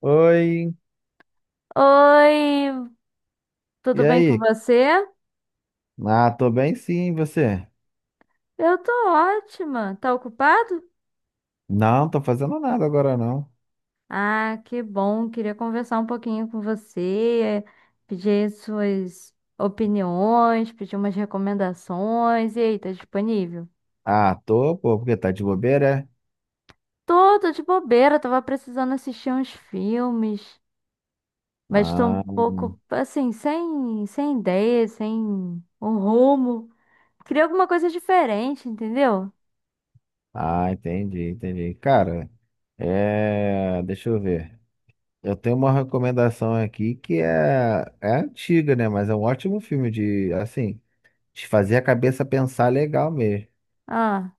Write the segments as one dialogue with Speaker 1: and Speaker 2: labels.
Speaker 1: Oi,
Speaker 2: Oi, tudo
Speaker 1: e
Speaker 2: bem com
Speaker 1: aí?
Speaker 2: você?
Speaker 1: Ah, tô bem sim, e você?
Speaker 2: Eu tô ótima. Tá ocupado?
Speaker 1: Não, tô fazendo nada agora não.
Speaker 2: Ah, que bom. Queria conversar um pouquinho com você, pedir suas opiniões, pedir umas recomendações. E aí, tá disponível?
Speaker 1: Ah, tô, pô, porque tá de bobeira, é?
Speaker 2: Tô de bobeira, tava precisando assistir uns filmes, mas tô
Speaker 1: Ah,
Speaker 2: um pouco assim, sem ideia, sem um rumo. Queria alguma coisa diferente, entendeu?
Speaker 1: ah, entendi, entendi. Cara, é, deixa eu ver. Eu tenho uma recomendação aqui que é antiga, né? Mas é um ótimo filme de, assim, de fazer a cabeça pensar legal mesmo.
Speaker 2: Ah.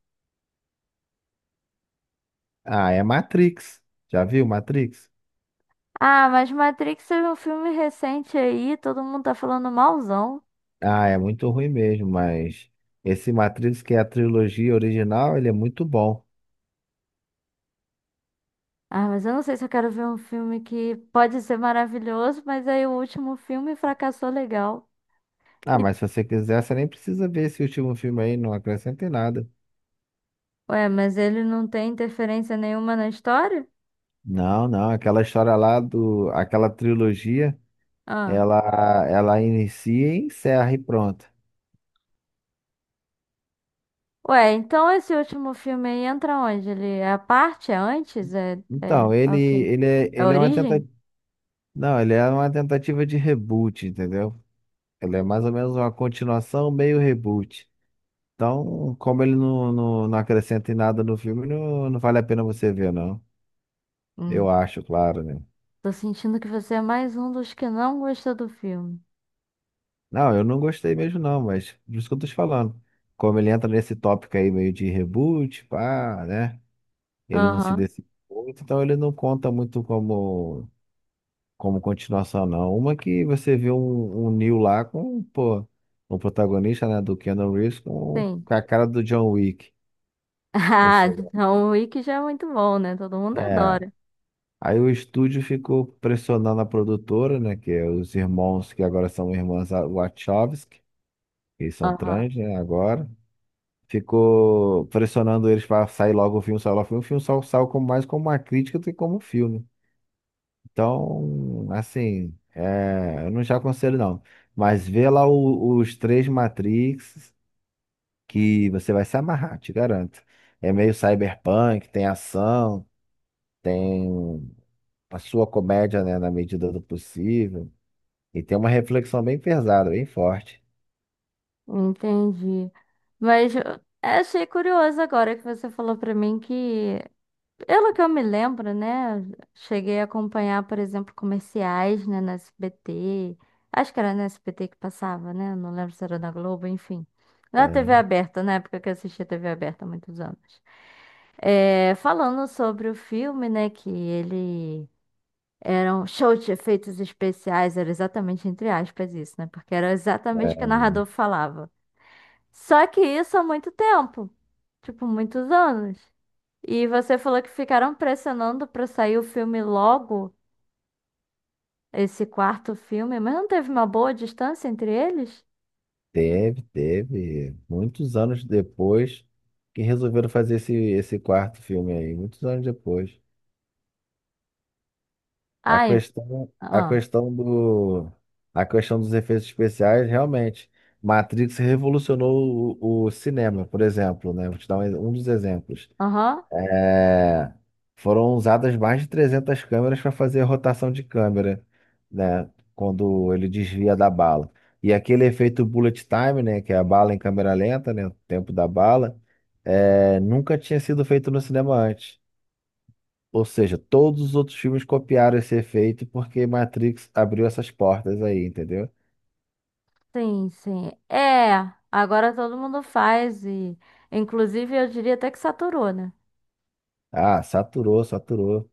Speaker 1: Ah, é Matrix. Já viu Matrix?
Speaker 2: Ah, mas Matrix teve um filme recente aí, todo mundo tá falando malzão.
Speaker 1: Ah, é muito ruim mesmo, mas esse Matrix, que é a trilogia original, ele é muito bom.
Speaker 2: Ah, mas eu não sei se eu quero ver um filme que pode ser maravilhoso, mas aí o último filme fracassou legal.
Speaker 1: Ah,
Speaker 2: E-
Speaker 1: mas se você quiser, você nem precisa ver esse último filme aí, não acrescenta em nada.
Speaker 2: Ué, mas ele não tem interferência nenhuma na história?
Speaker 1: Não, não, aquela história lá do, aquela trilogia,
Speaker 2: Ah.
Speaker 1: ela, ela inicia e encerra e pronto.
Speaker 2: Ué, então esse último filme aí entra onde? Ele é a parte? É antes?
Speaker 1: Então,
Speaker 2: É
Speaker 1: ele,
Speaker 2: o quê?
Speaker 1: ele é,
Speaker 2: É a
Speaker 1: ele é uma
Speaker 2: origem?
Speaker 1: tentativa, não, ele é uma tentativa de reboot, entendeu? Ele é mais ou menos uma continuação meio reboot. Então, como ele não, não, não acrescenta em nada no filme, não, não vale a pena você ver, não.
Speaker 2: Hum.
Speaker 1: Eu acho, claro, né?
Speaker 2: Tô sentindo que você é mais um dos que não gostou do filme.
Speaker 1: Não, eu não gostei mesmo, não, mas por isso que eu tô te falando. Como ele entra nesse tópico aí meio de reboot, pá, né? Ele não se
Speaker 2: Aham,
Speaker 1: decide muito, então ele não conta muito como continuação, não. Uma que você vê um Neo lá com, pô, um protagonista, né, do Keanu Reeves com,
Speaker 2: sim.
Speaker 1: com a cara do John Wick. Ou
Speaker 2: Ah,
Speaker 1: seja,
Speaker 2: então o Wiki já é muito bom, né? Todo mundo
Speaker 1: é.
Speaker 2: adora.
Speaker 1: Aí o estúdio ficou pressionando a produtora, né, que é os irmãos que agora são irmãs Wachowski, que são
Speaker 2: Aham,
Speaker 1: trans, né, agora. Ficou pressionando eles para sair logo o filme, sair logo o filme. O filme só saiu como, mais como uma crítica do que como um filme. Então, assim, é, eu não já aconselho não. Mas vê lá os três Matrix que você vai se amarrar, te garanto. É meio cyberpunk, tem ação, tem a sua comédia, né, na medida do possível. E tem uma reflexão bem pesada, bem forte.
Speaker 2: entendi. Mas eu achei curioso agora que você falou pra mim que, pelo que eu me lembro, né? Cheguei a acompanhar, por exemplo, comerciais, né, na SBT. Acho que era na SBT que passava, né? Não lembro se era na Globo, enfim. Na TV
Speaker 1: É,
Speaker 2: aberta, na época que eu assistia TV aberta há muitos anos. É, falando sobre o filme, né? Que ele. Eram shows de efeitos especiais, era exatamente entre aspas isso, né? Porque era exatamente o que o narrador falava. Só que isso há muito tempo, tipo, muitos anos. E você falou que ficaram pressionando pra sair o filme logo, esse quarto filme, mas não teve uma boa distância entre eles?
Speaker 1: teve, teve. Muitos anos depois que resolveram fazer esse quarto filme aí. Muitos anos depois. A
Speaker 2: Ai,
Speaker 1: questão, a
Speaker 2: ah,
Speaker 1: questão do, a questão dos efeitos especiais, realmente. Matrix revolucionou o cinema, por exemplo, né? Vou te dar um dos exemplos.
Speaker 2: aham,
Speaker 1: É, foram usadas mais de 300 câmeras para fazer a rotação de câmera, né, quando ele desvia da bala. E aquele efeito bullet time, né, que é a bala em câmera lenta, né, o tempo da bala, é, nunca tinha sido feito no cinema antes. Ou seja, todos os outros filmes copiaram esse efeito porque Matrix abriu essas portas aí, entendeu?
Speaker 2: sim, sim. É, agora todo mundo faz e, inclusive, eu diria até que saturou, né?
Speaker 1: Ah, saturou, saturou.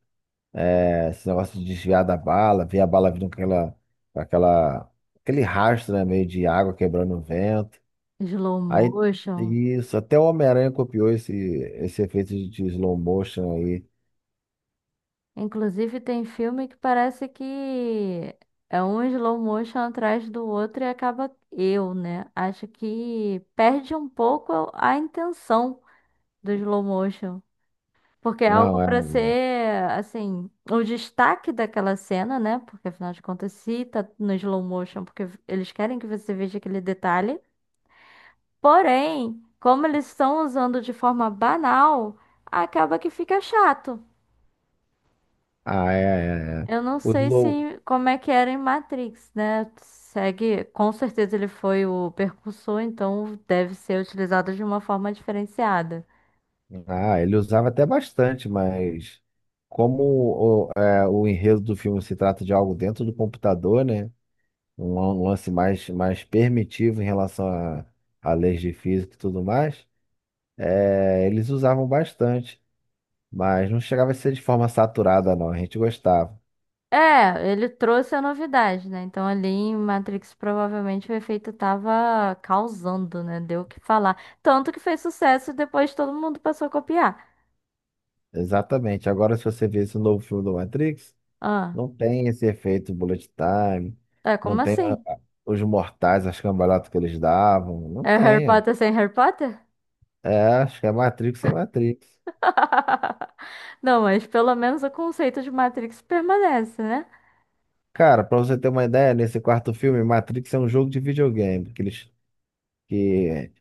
Speaker 1: É, esse negócio de desviar da bala, ver a bala vindo com aquela, aquele rastro, né, meio de água quebrando o vento.
Speaker 2: Slow
Speaker 1: Aí,
Speaker 2: motion.
Speaker 1: isso, até o Homem-Aranha copiou esse efeito de slow motion aí.
Speaker 2: Inclusive, tem filme que parece que é um slow motion atrás do outro e acaba eu, né? Acho que perde um pouco a intenção do slow motion. Porque é algo
Speaker 1: Não, é.
Speaker 2: para ser, assim, o destaque daquela cena, né? Porque afinal de contas, se tá no slow motion, porque eles querem que você veja aquele detalhe. Porém, como eles estão usando de forma banal, acaba que fica chato.
Speaker 1: Ah, é, é, é.
Speaker 2: Eu não
Speaker 1: O
Speaker 2: sei se
Speaker 1: slow.
Speaker 2: como é que era em Matrix, né? Segue, com certeza ele foi o percursor, então deve ser utilizado de uma forma diferenciada.
Speaker 1: Ah, ele usava até bastante, mas como o enredo do filme se trata de algo dentro do computador, né? Um lance mais permitivo em relação a leis de física e tudo mais. É, eles usavam bastante, mas não chegava a ser de forma saturada, não. A gente gostava.
Speaker 2: É, ele trouxe a novidade, né? Então ali em Matrix provavelmente o efeito tava causando, né? Deu o que falar. Tanto que fez sucesso e depois todo mundo passou a copiar.
Speaker 1: Exatamente. Agora, se você vê esse novo filme do Matrix,
Speaker 2: Ah,
Speaker 1: não tem esse efeito bullet time,
Speaker 2: é
Speaker 1: não
Speaker 2: como
Speaker 1: tem
Speaker 2: assim?
Speaker 1: os mortais, as cambalhotas que eles davam, não
Speaker 2: É Harry
Speaker 1: tem.
Speaker 2: Potter sem Harry Potter?
Speaker 1: É, acho que é Matrix sem Matrix.
Speaker 2: Não, mas pelo menos o conceito de Matrix permanece, né?
Speaker 1: Cara, pra você ter uma ideia, nesse quarto filme, Matrix é um jogo de videogame, que eles, que,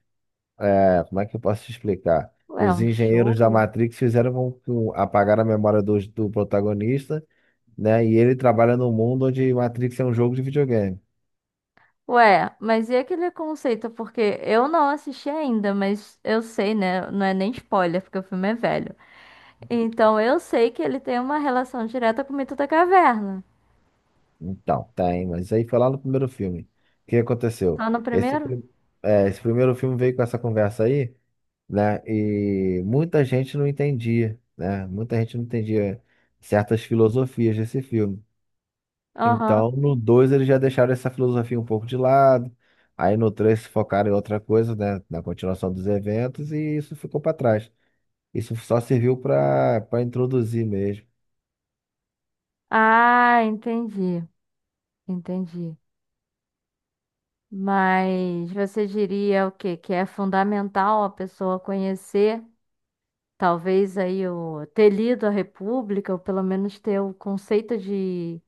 Speaker 1: é, como é que eu posso te explicar?
Speaker 2: É
Speaker 1: Os
Speaker 2: um.
Speaker 1: engenheiros da Matrix fizeram com que apagar a memória do protagonista, né? E ele trabalha num mundo onde Matrix é um jogo de videogame.
Speaker 2: Ué, mas e aquele conceito? Porque eu não assisti ainda, mas eu sei, né? Não é nem spoiler, porque o filme é velho. Então eu sei que ele tem uma relação direta com o mito da caverna.
Speaker 1: Então, tá, hein? Mas aí foi lá no primeiro filme. O que
Speaker 2: Só
Speaker 1: aconteceu?
Speaker 2: no
Speaker 1: Esse,
Speaker 2: primeiro?
Speaker 1: prim- esse primeiro filme veio com essa conversa aí, né? E muita gente não entendia, né? Muita gente não entendia certas filosofias desse filme.
Speaker 2: Aham.
Speaker 1: Então, no 2 eles já deixaram essa filosofia um pouco de lado. Aí no 3 se focaram em outra coisa, né? Na continuação dos eventos, e isso ficou para trás. Isso só serviu para introduzir mesmo.
Speaker 2: Ah, entendi. Entendi. Mas você diria o quê? Que é fundamental a pessoa conhecer, talvez aí o ter lido a República, ou pelo menos ter o conceito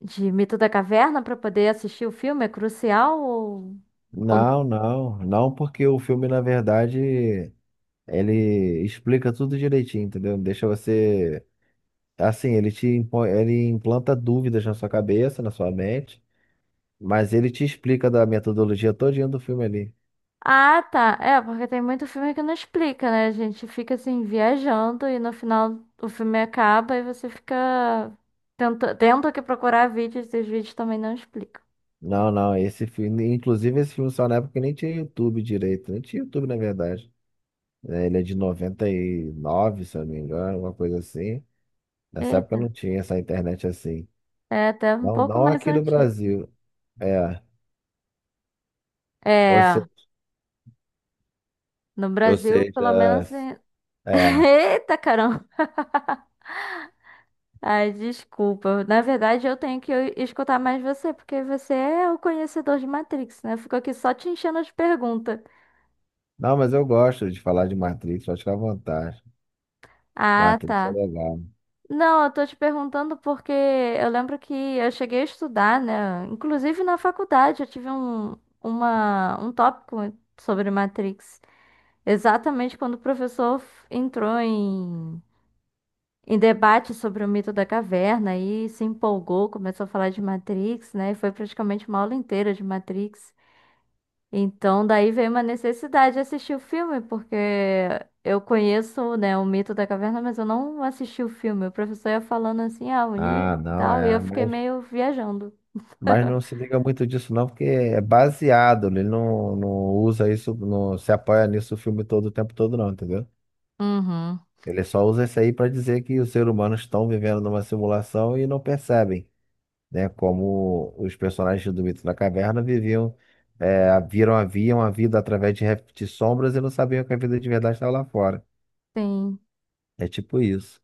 Speaker 2: de Mito da Caverna para poder assistir o filme? É crucial ou
Speaker 1: Não,
Speaker 2: não?
Speaker 1: não, não, porque o filme, na verdade, ele explica tudo direitinho, entendeu? Deixa você. Assim, ele implanta dúvidas na sua cabeça, na sua mente, mas ele te explica da metodologia todinha do filme ali.
Speaker 2: Ah, tá. É, porque tem muito filme que não explica, né? A gente fica assim viajando e no final o filme acaba e você fica tendo que procurar vídeos e os vídeos também não explicam.
Speaker 1: Não, não, esse filme, inclusive esse filme só na época nem tinha YouTube direito, nem tinha YouTube na verdade. É, ele é de 99 se eu não me engano, uma coisa assim. Nessa época
Speaker 2: Eita,
Speaker 1: não tinha essa internet assim.
Speaker 2: é até um
Speaker 1: Não,
Speaker 2: pouco
Speaker 1: não
Speaker 2: mais
Speaker 1: aqui no
Speaker 2: antigo.
Speaker 1: Brasil. É, ou
Speaker 2: É, no
Speaker 1: Ou
Speaker 2: Brasil, pelo
Speaker 1: seja,
Speaker 2: menos.
Speaker 1: é.
Speaker 2: Eita, caramba! Ai, desculpa. Na verdade, eu tenho que escutar mais você, porque você é o conhecedor de Matrix, né? Ficou aqui só te enchendo de pergunta.
Speaker 1: Não, mas eu gosto de falar de Matrix, acho que à vontade.
Speaker 2: Ah,
Speaker 1: Matrix é
Speaker 2: tá.
Speaker 1: legal.
Speaker 2: Não, eu tô te perguntando porque eu lembro que eu cheguei a estudar, né? Inclusive na faculdade eu tive um tópico sobre Matrix. Exatamente quando o professor entrou em, em debate sobre o mito da caverna e se empolgou, começou a falar de Matrix, né? E foi praticamente uma aula inteira de Matrix. Então, daí veio uma necessidade de assistir o filme, porque eu conheço, né, o mito da caverna, mas eu não assisti o filme. O professor ia falando assim, ah, o
Speaker 1: Ah,
Speaker 2: Neo e
Speaker 1: não,
Speaker 2: tal, e eu
Speaker 1: é.
Speaker 2: fiquei
Speaker 1: Mas,
Speaker 2: meio viajando.
Speaker 1: mas não se liga muito disso, não, porque é baseado. Ele não, não usa isso, não se apoia nisso o filme todo, o tempo todo, não, entendeu?
Speaker 2: Uhum,
Speaker 1: Ele só usa isso aí para dizer que os seres humanos estão vivendo numa simulação e não percebem, né? Como os personagens do Mito da Caverna viviam, haviam a vida através de, sombras e não sabiam que a vida de verdade estava lá fora.
Speaker 2: sim.
Speaker 1: É tipo isso.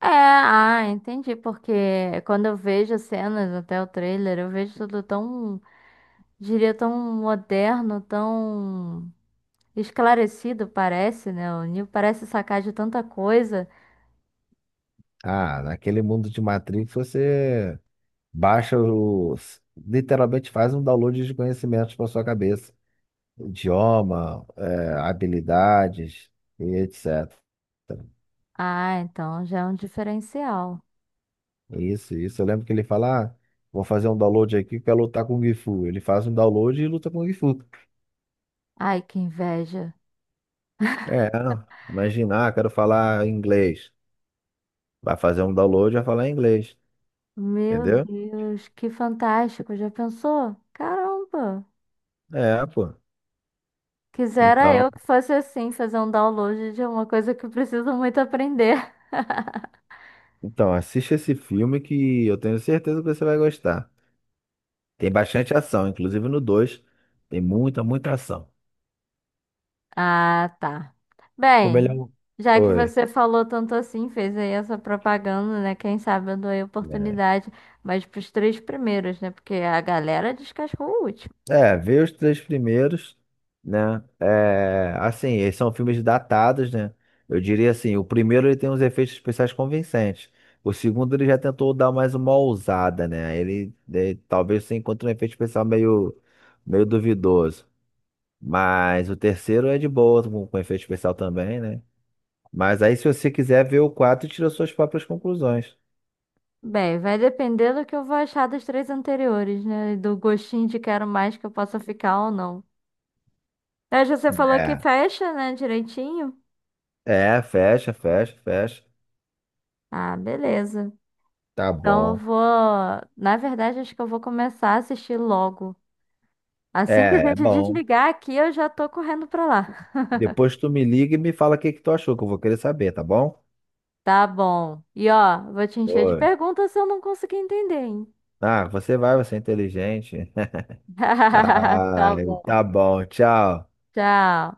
Speaker 2: É, ah, entendi, porque quando eu vejo as cenas, até o trailer, eu vejo tudo tão, diria, tão moderno, tão esclarecido, parece, né? O Neo parece sacar de tanta coisa.
Speaker 1: Ah, naquele mundo de Matrix você baixa os. Literalmente faz um download de conhecimentos para sua cabeça. Idioma, habilidades e etc.
Speaker 2: Ah, então já é um diferencial.
Speaker 1: Isso, isso. Eu lembro que ele fala, ah, vou fazer um download aqui, quero lutar com o Gifu. Ele faz um download e luta com o Gifu.
Speaker 2: Ai, que inveja.
Speaker 1: É, imaginar, quero falar inglês. Vai fazer um download e vai falar inglês.
Speaker 2: Meu
Speaker 1: Entendeu?
Speaker 2: Deus, que fantástico. Já pensou? Caramba.
Speaker 1: É, pô.
Speaker 2: Quisera
Speaker 1: Então.
Speaker 2: eu que fosse assim, fazer um download de uma coisa que eu preciso muito aprender.
Speaker 1: Então, assiste esse filme que eu tenho certeza que você vai gostar. Tem bastante ação, inclusive no dois. Tem muita, muita ação.
Speaker 2: Ah, tá.
Speaker 1: Como ele é
Speaker 2: Bem,
Speaker 1: um.
Speaker 2: já que
Speaker 1: Oi.
Speaker 2: você falou tanto assim, fez aí essa propaganda, né? Quem sabe eu dou aí oportunidade, mas pros três primeiros, né? Porque a galera descascou o último.
Speaker 1: É, vê os três primeiros, né? É, assim, eles são filmes datados, né? Eu diria assim, o primeiro ele tem uns efeitos especiais convincentes. O segundo ele já tentou dar mais uma ousada, né? Ele talvez você encontre um efeito especial meio duvidoso. Mas o terceiro é de boa, com efeito especial também, né? Mas aí, se você quiser ver o quadro, tira suas próprias conclusões.
Speaker 2: Bem, vai depender do que eu vou achar dos três anteriores, né? E do gostinho de quero mais que eu possa ficar ou não. Hoje você falou que
Speaker 1: É,
Speaker 2: fecha, né, direitinho?
Speaker 1: é, fecha, fecha, fecha.
Speaker 2: Ah, beleza.
Speaker 1: Tá
Speaker 2: Então eu
Speaker 1: bom.
Speaker 2: vou. Na verdade, acho que eu vou começar a assistir logo. Assim que a
Speaker 1: É, é
Speaker 2: gente
Speaker 1: bom.
Speaker 2: desligar aqui, eu já tô correndo pra lá.
Speaker 1: Depois tu me liga e me fala o que que tu achou, que eu vou querer saber, tá bom?
Speaker 2: Tá bom. E ó, vou te encher de
Speaker 1: Oi.
Speaker 2: perguntas se eu não conseguir entender, hein?
Speaker 1: Ah, você vai, você é inteligente.
Speaker 2: Tá
Speaker 1: Ai, tá
Speaker 2: bom.
Speaker 1: bom, tchau.
Speaker 2: Tchau.